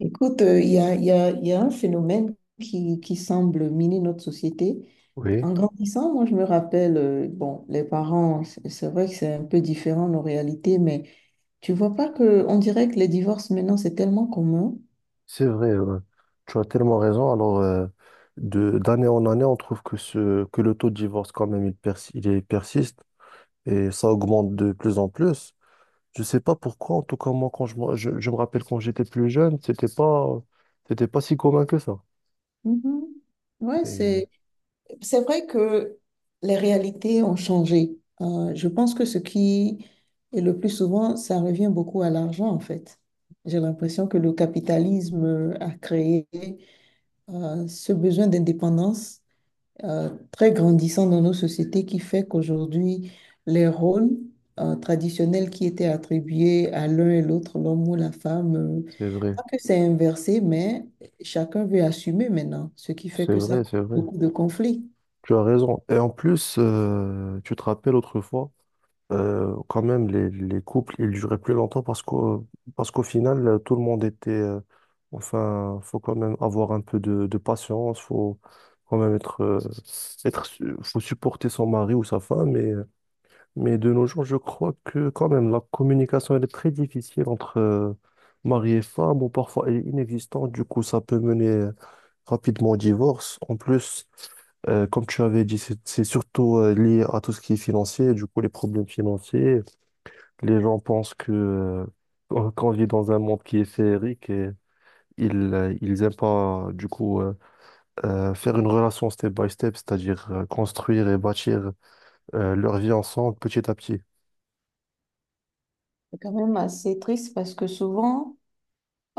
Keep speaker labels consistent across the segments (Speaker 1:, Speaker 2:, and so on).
Speaker 1: Écoute, il y a un phénomène qui semble miner notre société.
Speaker 2: Oui,
Speaker 1: En grandissant, moi, je me rappelle, bon, les parents, c'est vrai que c'est un peu différent nos réalités, mais tu vois pas que, on dirait que les divorces maintenant, c'est tellement commun.
Speaker 2: c'est vrai, tu as tellement raison. Alors, d'année en année, on trouve que le taux de divorce, quand même, il, persi- il est- persiste et ça augmente de plus en plus. Je sais pas pourquoi, en tout cas, moi, quand je me rappelle quand j'étais plus jeune, c'était pas si commun que ça.
Speaker 1: Mhm. Ouais,
Speaker 2: Et
Speaker 1: c'est vrai que les réalités ont changé. Je pense que ce qui est le plus souvent, ça revient beaucoup à l'argent, en fait. J'ai l'impression que le capitalisme a créé ce besoin d'indépendance très grandissant dans nos sociétés qui fait qu'aujourd'hui, les rôles traditionnels qui étaient attribués à l'un et l'autre, l'homme ou la femme,
Speaker 2: c'est vrai,
Speaker 1: pas que c'est inversé, mais chacun veut assumer maintenant, ce qui fait que ça cause
Speaker 2: c'est vrai.
Speaker 1: beaucoup de conflits.
Speaker 2: Tu as raison. Et en plus, tu te rappelles autrefois. Quand même, les couples, ils duraient plus longtemps parce qu'au final, tout le monde était... enfin, faut quand même avoir un peu de patience, faut quand même être... faut supporter son mari ou sa femme, mais de nos jours, je crois que quand même, la communication, elle est très difficile entre mari et femme, ou parfois elle est inexistante, du coup, ça peut mener rapidement au divorce. En plus, comme tu avais dit, c'est surtout lié à tout ce qui est financier, du coup, les problèmes financiers. Les gens pensent que qu'on vit dans un monde qui est féerique et ils ils aiment pas du coup faire une relation step by step, c'est-à-dire construire et bâtir leur vie ensemble petit à petit.
Speaker 1: C'est quand même assez triste parce que souvent,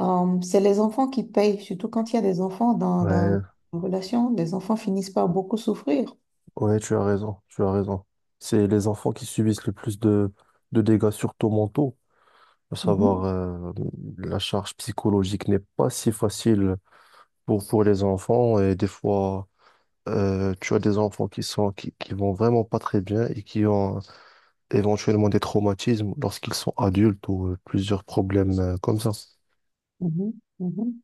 Speaker 1: C'est les enfants qui payent, surtout quand il y a des enfants dans
Speaker 2: Ouais,
Speaker 1: une relation. Les enfants finissent par beaucoup souffrir.
Speaker 2: ouais, tu as raison, tu as raison. C'est les enfants qui subissent le plus de dégâts surtout mentaux, à savoir
Speaker 1: Mhm,
Speaker 2: la charge psychologique n'est pas si facile pour les enfants et des fois tu as des enfants qui sont qui vont vraiment pas très bien et qui ont éventuellement des traumatismes lorsqu'ils sont adultes ou plusieurs problèmes comme ça.
Speaker 1: mhm, mhm.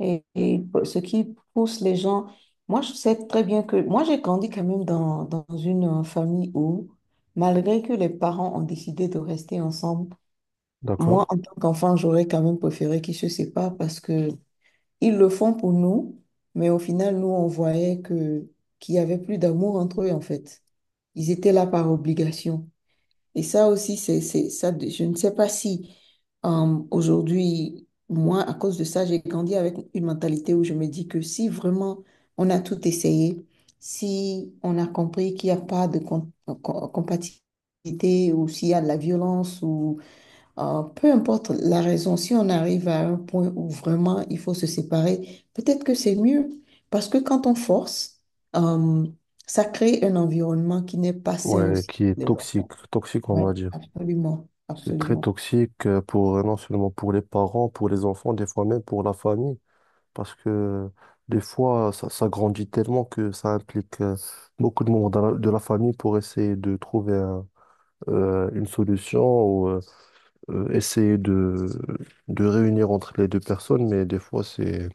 Speaker 1: Et ce qui pousse les gens, moi je sais très bien que moi j'ai grandi quand même dans une famille où, malgré que les parents ont décidé de rester ensemble, moi
Speaker 2: D'accord?
Speaker 1: en tant qu'enfant, j'aurais quand même préféré qu'ils se séparent parce que ils le font pour nous, mais au final, nous, on voyait que qu'il y avait plus d'amour entre eux en fait. Ils étaient là par obligation. Et ça aussi, ça, je ne sais pas si aujourd'hui, moi, à cause de ça, j'ai grandi avec une mentalité où je me dis que si vraiment on a tout essayé, si on a compris qu'il n'y a pas de compatibilité ou s'il y a de la violence ou peu importe la raison, si on arrive à un point où vraiment il faut se séparer, peut-être que c'est mieux parce que quand on force, euh, ça crée un environnement qui n'est pas sain
Speaker 2: Ouais,
Speaker 1: aussi
Speaker 2: qui est
Speaker 1: de l'enfant.
Speaker 2: toxique, toxique on
Speaker 1: Ouais,
Speaker 2: va dire.
Speaker 1: absolument,
Speaker 2: C'est très
Speaker 1: absolument.
Speaker 2: toxique pour non seulement pour les parents, pour les enfants, des fois même pour la famille, parce que des fois ça grandit tellement que ça implique beaucoup de membres de de la famille pour essayer de trouver une solution ou essayer de réunir entre les deux personnes, mais des fois c'est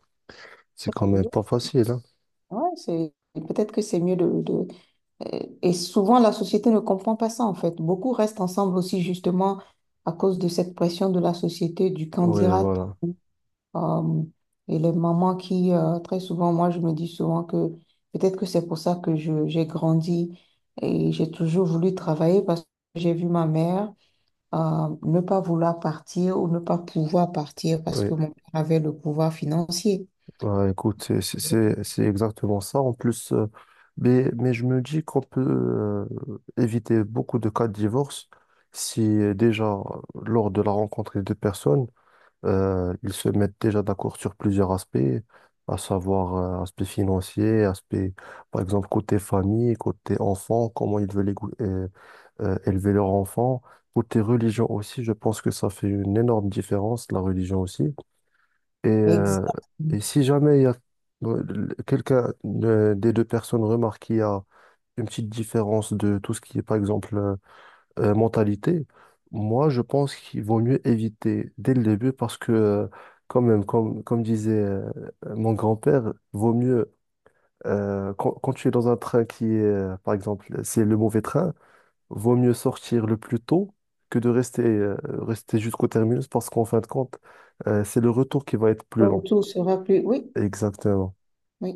Speaker 2: c'est quand même pas facile, hein.
Speaker 1: Ouais, c'est peut-être que c'est mieux. Et souvent, la société ne comprend pas ça, en fait. Beaucoup restent ensemble aussi, justement, à cause de cette pression de la société, du
Speaker 2: Ouais,
Speaker 1: candidat.
Speaker 2: voilà.
Speaker 1: Euh, et les mamans qui, très souvent, moi, je me dis souvent que peut-être que c'est pour ça que j'ai grandi et j'ai toujours voulu travailler parce que j'ai vu ma mère ne pas vouloir partir ou ne pas pouvoir partir parce
Speaker 2: Oui,
Speaker 1: que mon père avait le pouvoir financier.
Speaker 2: bah, écoute, c'est exactement ça. En plus, mais je me dis qu'on peut éviter beaucoup de cas de divorce si déjà, lors de la rencontre des deux personnes, ils se mettent déjà d'accord sur plusieurs aspects, à savoir aspect financier, aspect, par exemple, côté famille, côté enfant, comment ils veulent élever leur enfant. Côté religion aussi, je pense que ça fait une énorme différence, la religion aussi. Et, euh,
Speaker 1: Exactement.
Speaker 2: et si jamais il y a euh, quelqu'un des deux personnes remarque qu'il y a une petite différence de tout ce qui est, par exemple, mentalité, moi, je pense qu'il vaut mieux éviter dès le début parce que, quand même, comme disait mon grand-père, vaut mieux, quand tu es dans un train qui est, par exemple, c'est le mauvais train, vaut mieux sortir le plus tôt que de rester, rester jusqu'au terminus parce qu'en fin de compte, c'est le retour qui va être plus
Speaker 1: Le
Speaker 2: long.
Speaker 1: retour sera plus. Oui,
Speaker 2: Exactement.
Speaker 1: oui.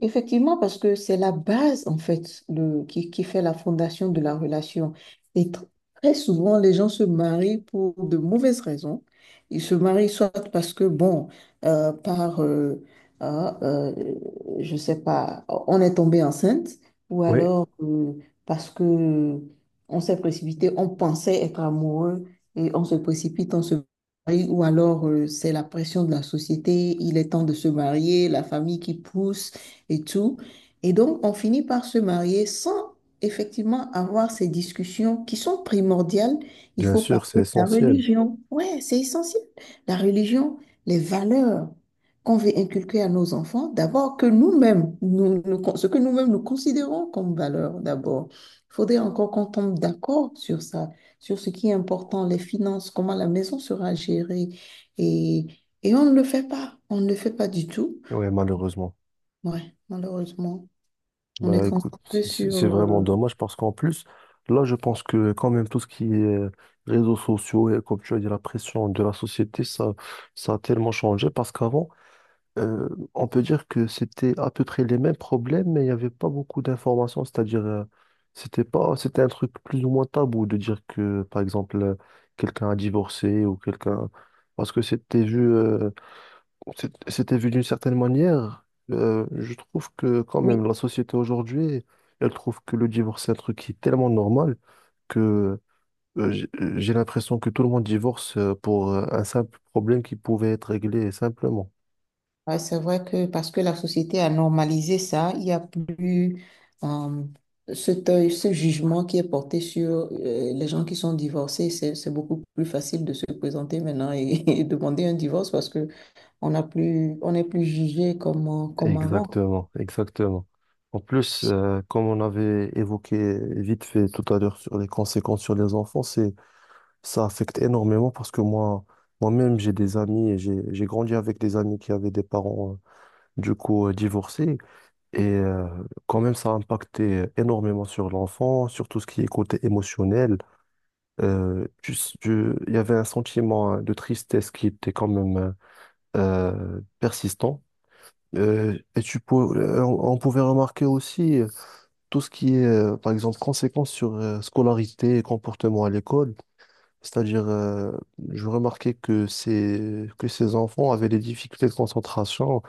Speaker 1: Effectivement, parce que c'est la base, en fait, qui fait la fondation de la relation. Et très souvent, les gens se marient pour de mauvaises raisons. Ils se marient soit parce que, bon, euh, par, euh, ah, je sais pas, on est tombé enceinte, ou
Speaker 2: Oui,
Speaker 1: alors parce que on s'est précipité, on pensait être amoureux et on se précipite, on se mari ou alors c'est la pression de la société, il est temps de se marier, la famille qui pousse et tout. Et donc, on finit par se marier sans effectivement avoir ces discussions qui sont primordiales. Il
Speaker 2: bien
Speaker 1: faut
Speaker 2: sûr, c'est
Speaker 1: parler de la
Speaker 2: essentiel.
Speaker 1: religion. Ouais, c'est essentiel. La religion, les valeurs qu'on veut inculquer à nos enfants, d'abord que nous-mêmes, ce que nous-mêmes nous considérons comme valeurs, d'abord. Il faudrait encore qu'on tombe d'accord sur ça sur ce qui est important, les finances, comment la maison sera gérée. Et, et on ne le fait pas. On ne le fait pas du tout.
Speaker 2: Oui, malheureusement.
Speaker 1: Ouais, malheureusement. On est
Speaker 2: Bah écoute,
Speaker 1: concentré sur...
Speaker 2: c'est vraiment
Speaker 1: euh,
Speaker 2: dommage parce qu'en plus, là, je pense que quand même tout ce qui est réseaux sociaux et comme tu as dit, la pression de la société, ça a tellement changé parce qu'avant, euh, on peut dire que c'était à peu près les mêmes problèmes, mais il n'y avait pas beaucoup d'informations. C'est-à-dire, c'était pas, c'était un truc plus ou moins tabou de dire que, par exemple, quelqu'un a divorcé ou quelqu'un. Parce que c'était vu. C'était vu d'une certaine manière. Je trouve que quand
Speaker 1: Oui,
Speaker 2: même la société aujourd'hui, elle trouve que le divorce c'est un truc qui est tellement normal que j'ai l'impression que tout le monde divorce pour un simple problème qui pouvait être réglé simplement.
Speaker 1: ouais, c'est vrai que parce que la société a normalisé ça, il n'y a plus euh, cet œil, ce jugement qui est porté sur les gens qui sont divorcés. C'est beaucoup plus facile de se présenter maintenant et, et demander un divorce parce que on n'a plus, on n'est plus jugé comme, comme avant.
Speaker 2: Exactement, exactement. En plus, comme on avait évoqué vite fait tout à l'heure sur les conséquences sur les enfants, ça affecte énormément parce que moi, moi-même, j'ai des amis et j'ai grandi avec des amis qui avaient des parents du coup divorcé. Et quand même, ça a impacté énormément sur l'enfant, sur tout ce qui est côté émotionnel. Il y avait un sentiment de tristesse qui était quand même persistant. Et tu pou- On pouvait remarquer aussi tout ce qui est, par exemple, conséquences sur scolarité et comportement à l'école. C'est-à-dire, je remarquais que ces enfants avaient des difficultés de concentration,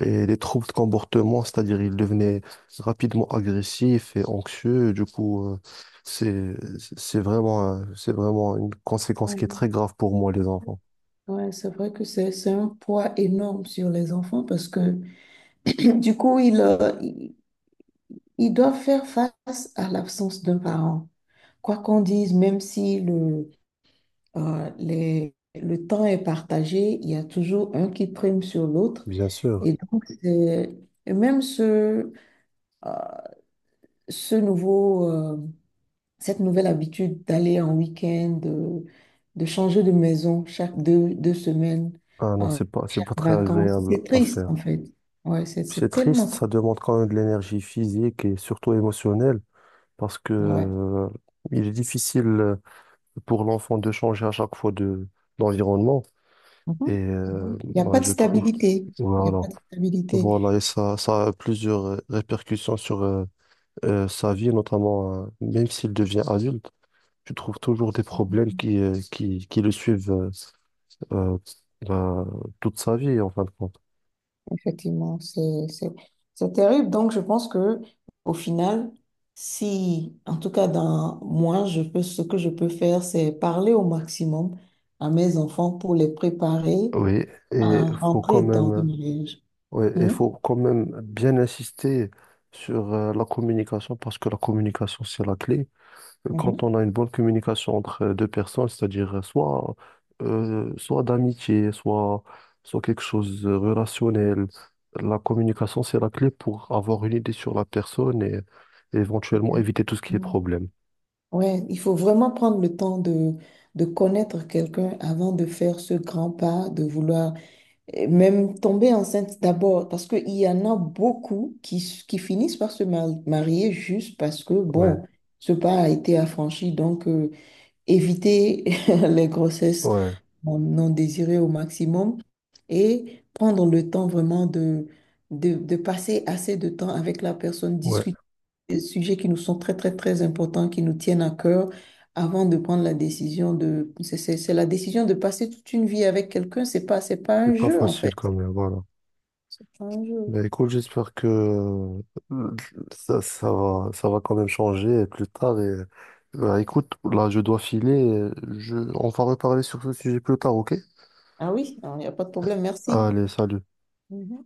Speaker 2: et les troubles de comportement, c'est-à-dire il devenait rapidement agressif et anxieux. Du coup, c'est, c'est vraiment, c'est vraiment une conséquence qui est très grave pour moi, les enfants.
Speaker 1: Ouais, c'est vrai que c'est un poids énorme sur les enfants parce que du coup, ils doivent faire face à l'absence d'un parent. Quoi qu'on dise, même si le temps est partagé, il y a toujours un qui prime sur l'autre.
Speaker 2: Bien sûr.
Speaker 1: Et donc, et même ce, euh, ce nouveau cette nouvelle habitude d'aller en week-end, de changer de maison chaque deux semaines,
Speaker 2: Ah non,
Speaker 1: euh,
Speaker 2: c'est
Speaker 1: chaque
Speaker 2: pas très
Speaker 1: vacances.
Speaker 2: agréable
Speaker 1: C'est
Speaker 2: à
Speaker 1: triste, en
Speaker 2: faire.
Speaker 1: fait. Ouais,
Speaker 2: C'est
Speaker 1: c'est
Speaker 2: triste,
Speaker 1: tellement triste.
Speaker 2: ça demande quand même de l'énergie physique et surtout émotionnelle parce que,
Speaker 1: Ouais.
Speaker 2: il est difficile pour l'enfant de changer à chaque fois de d'environnement. Et
Speaker 1: Mhm. Mhm. Il n'y a
Speaker 2: moi,
Speaker 1: pas de
Speaker 2: je trouve.
Speaker 1: stabilité. Il n'y a
Speaker 2: Voilà.
Speaker 1: pas de
Speaker 2: Voilà.
Speaker 1: stabilité.
Speaker 2: Et ça a plusieurs répercussions sur sa vie, notamment même s'il devient adulte, tu trouves toujours des problèmes qui le suivent euh, bah, toute sa vie, en fin de compte.
Speaker 1: Effectivement, c'est terrible. Donc, je pense que au final, si, en tout cas, dans moi, je peux, ce que je peux faire, c'est parler au maximum à mes enfants pour les préparer
Speaker 2: Oui, et
Speaker 1: à
Speaker 2: faut quand
Speaker 1: rentrer dans
Speaker 2: même,
Speaker 1: une.
Speaker 2: ouais, et
Speaker 1: Mhm,
Speaker 2: faut quand même bien insister sur la communication parce que la communication, c'est la clé. Quand
Speaker 1: mhm.
Speaker 2: on a une bonne communication entre deux personnes, c'est-à-dire soit d'amitié, soit, soit quelque chose de relationnel, la communication, c'est la clé pour avoir une idée sur la personne et éventuellement éviter tout ce qui est
Speaker 1: Mm.
Speaker 2: problème.
Speaker 1: Ouais, il faut vraiment prendre le temps de connaître quelqu'un avant de faire ce grand pas, de vouloir même tomber enceinte d'abord, parce qu'il y en a beaucoup qui finissent par se marier juste parce que,
Speaker 2: Ouais,
Speaker 1: bon, ce pas a été affranchi, donc éviter les grossesses
Speaker 2: ouais,
Speaker 1: mon non désiré au maximum et prendre le temps vraiment de passer assez de temps avec la personne,
Speaker 2: ouais.
Speaker 1: discuter des sujets qui nous sont très, très, très importants, qui nous tiennent à cœur, avant de prendre la décision de. C'est la décision de passer toute une vie avec quelqu'un, c'est pas
Speaker 2: C'est
Speaker 1: un
Speaker 2: pas
Speaker 1: jeu en
Speaker 2: facile
Speaker 1: fait.
Speaker 2: quand même, voilà.
Speaker 1: C'est pas un jeu.
Speaker 2: Mais écoute, j'espère que ça va quand même changer plus tard. Et, bah, écoute, là, je dois filer. On va reparler sur ce sujet plus tard, ok?
Speaker 1: Ah oui, alors, il n'y a pas de problème, merci.
Speaker 2: Allez, salut.
Speaker 1: Mhm.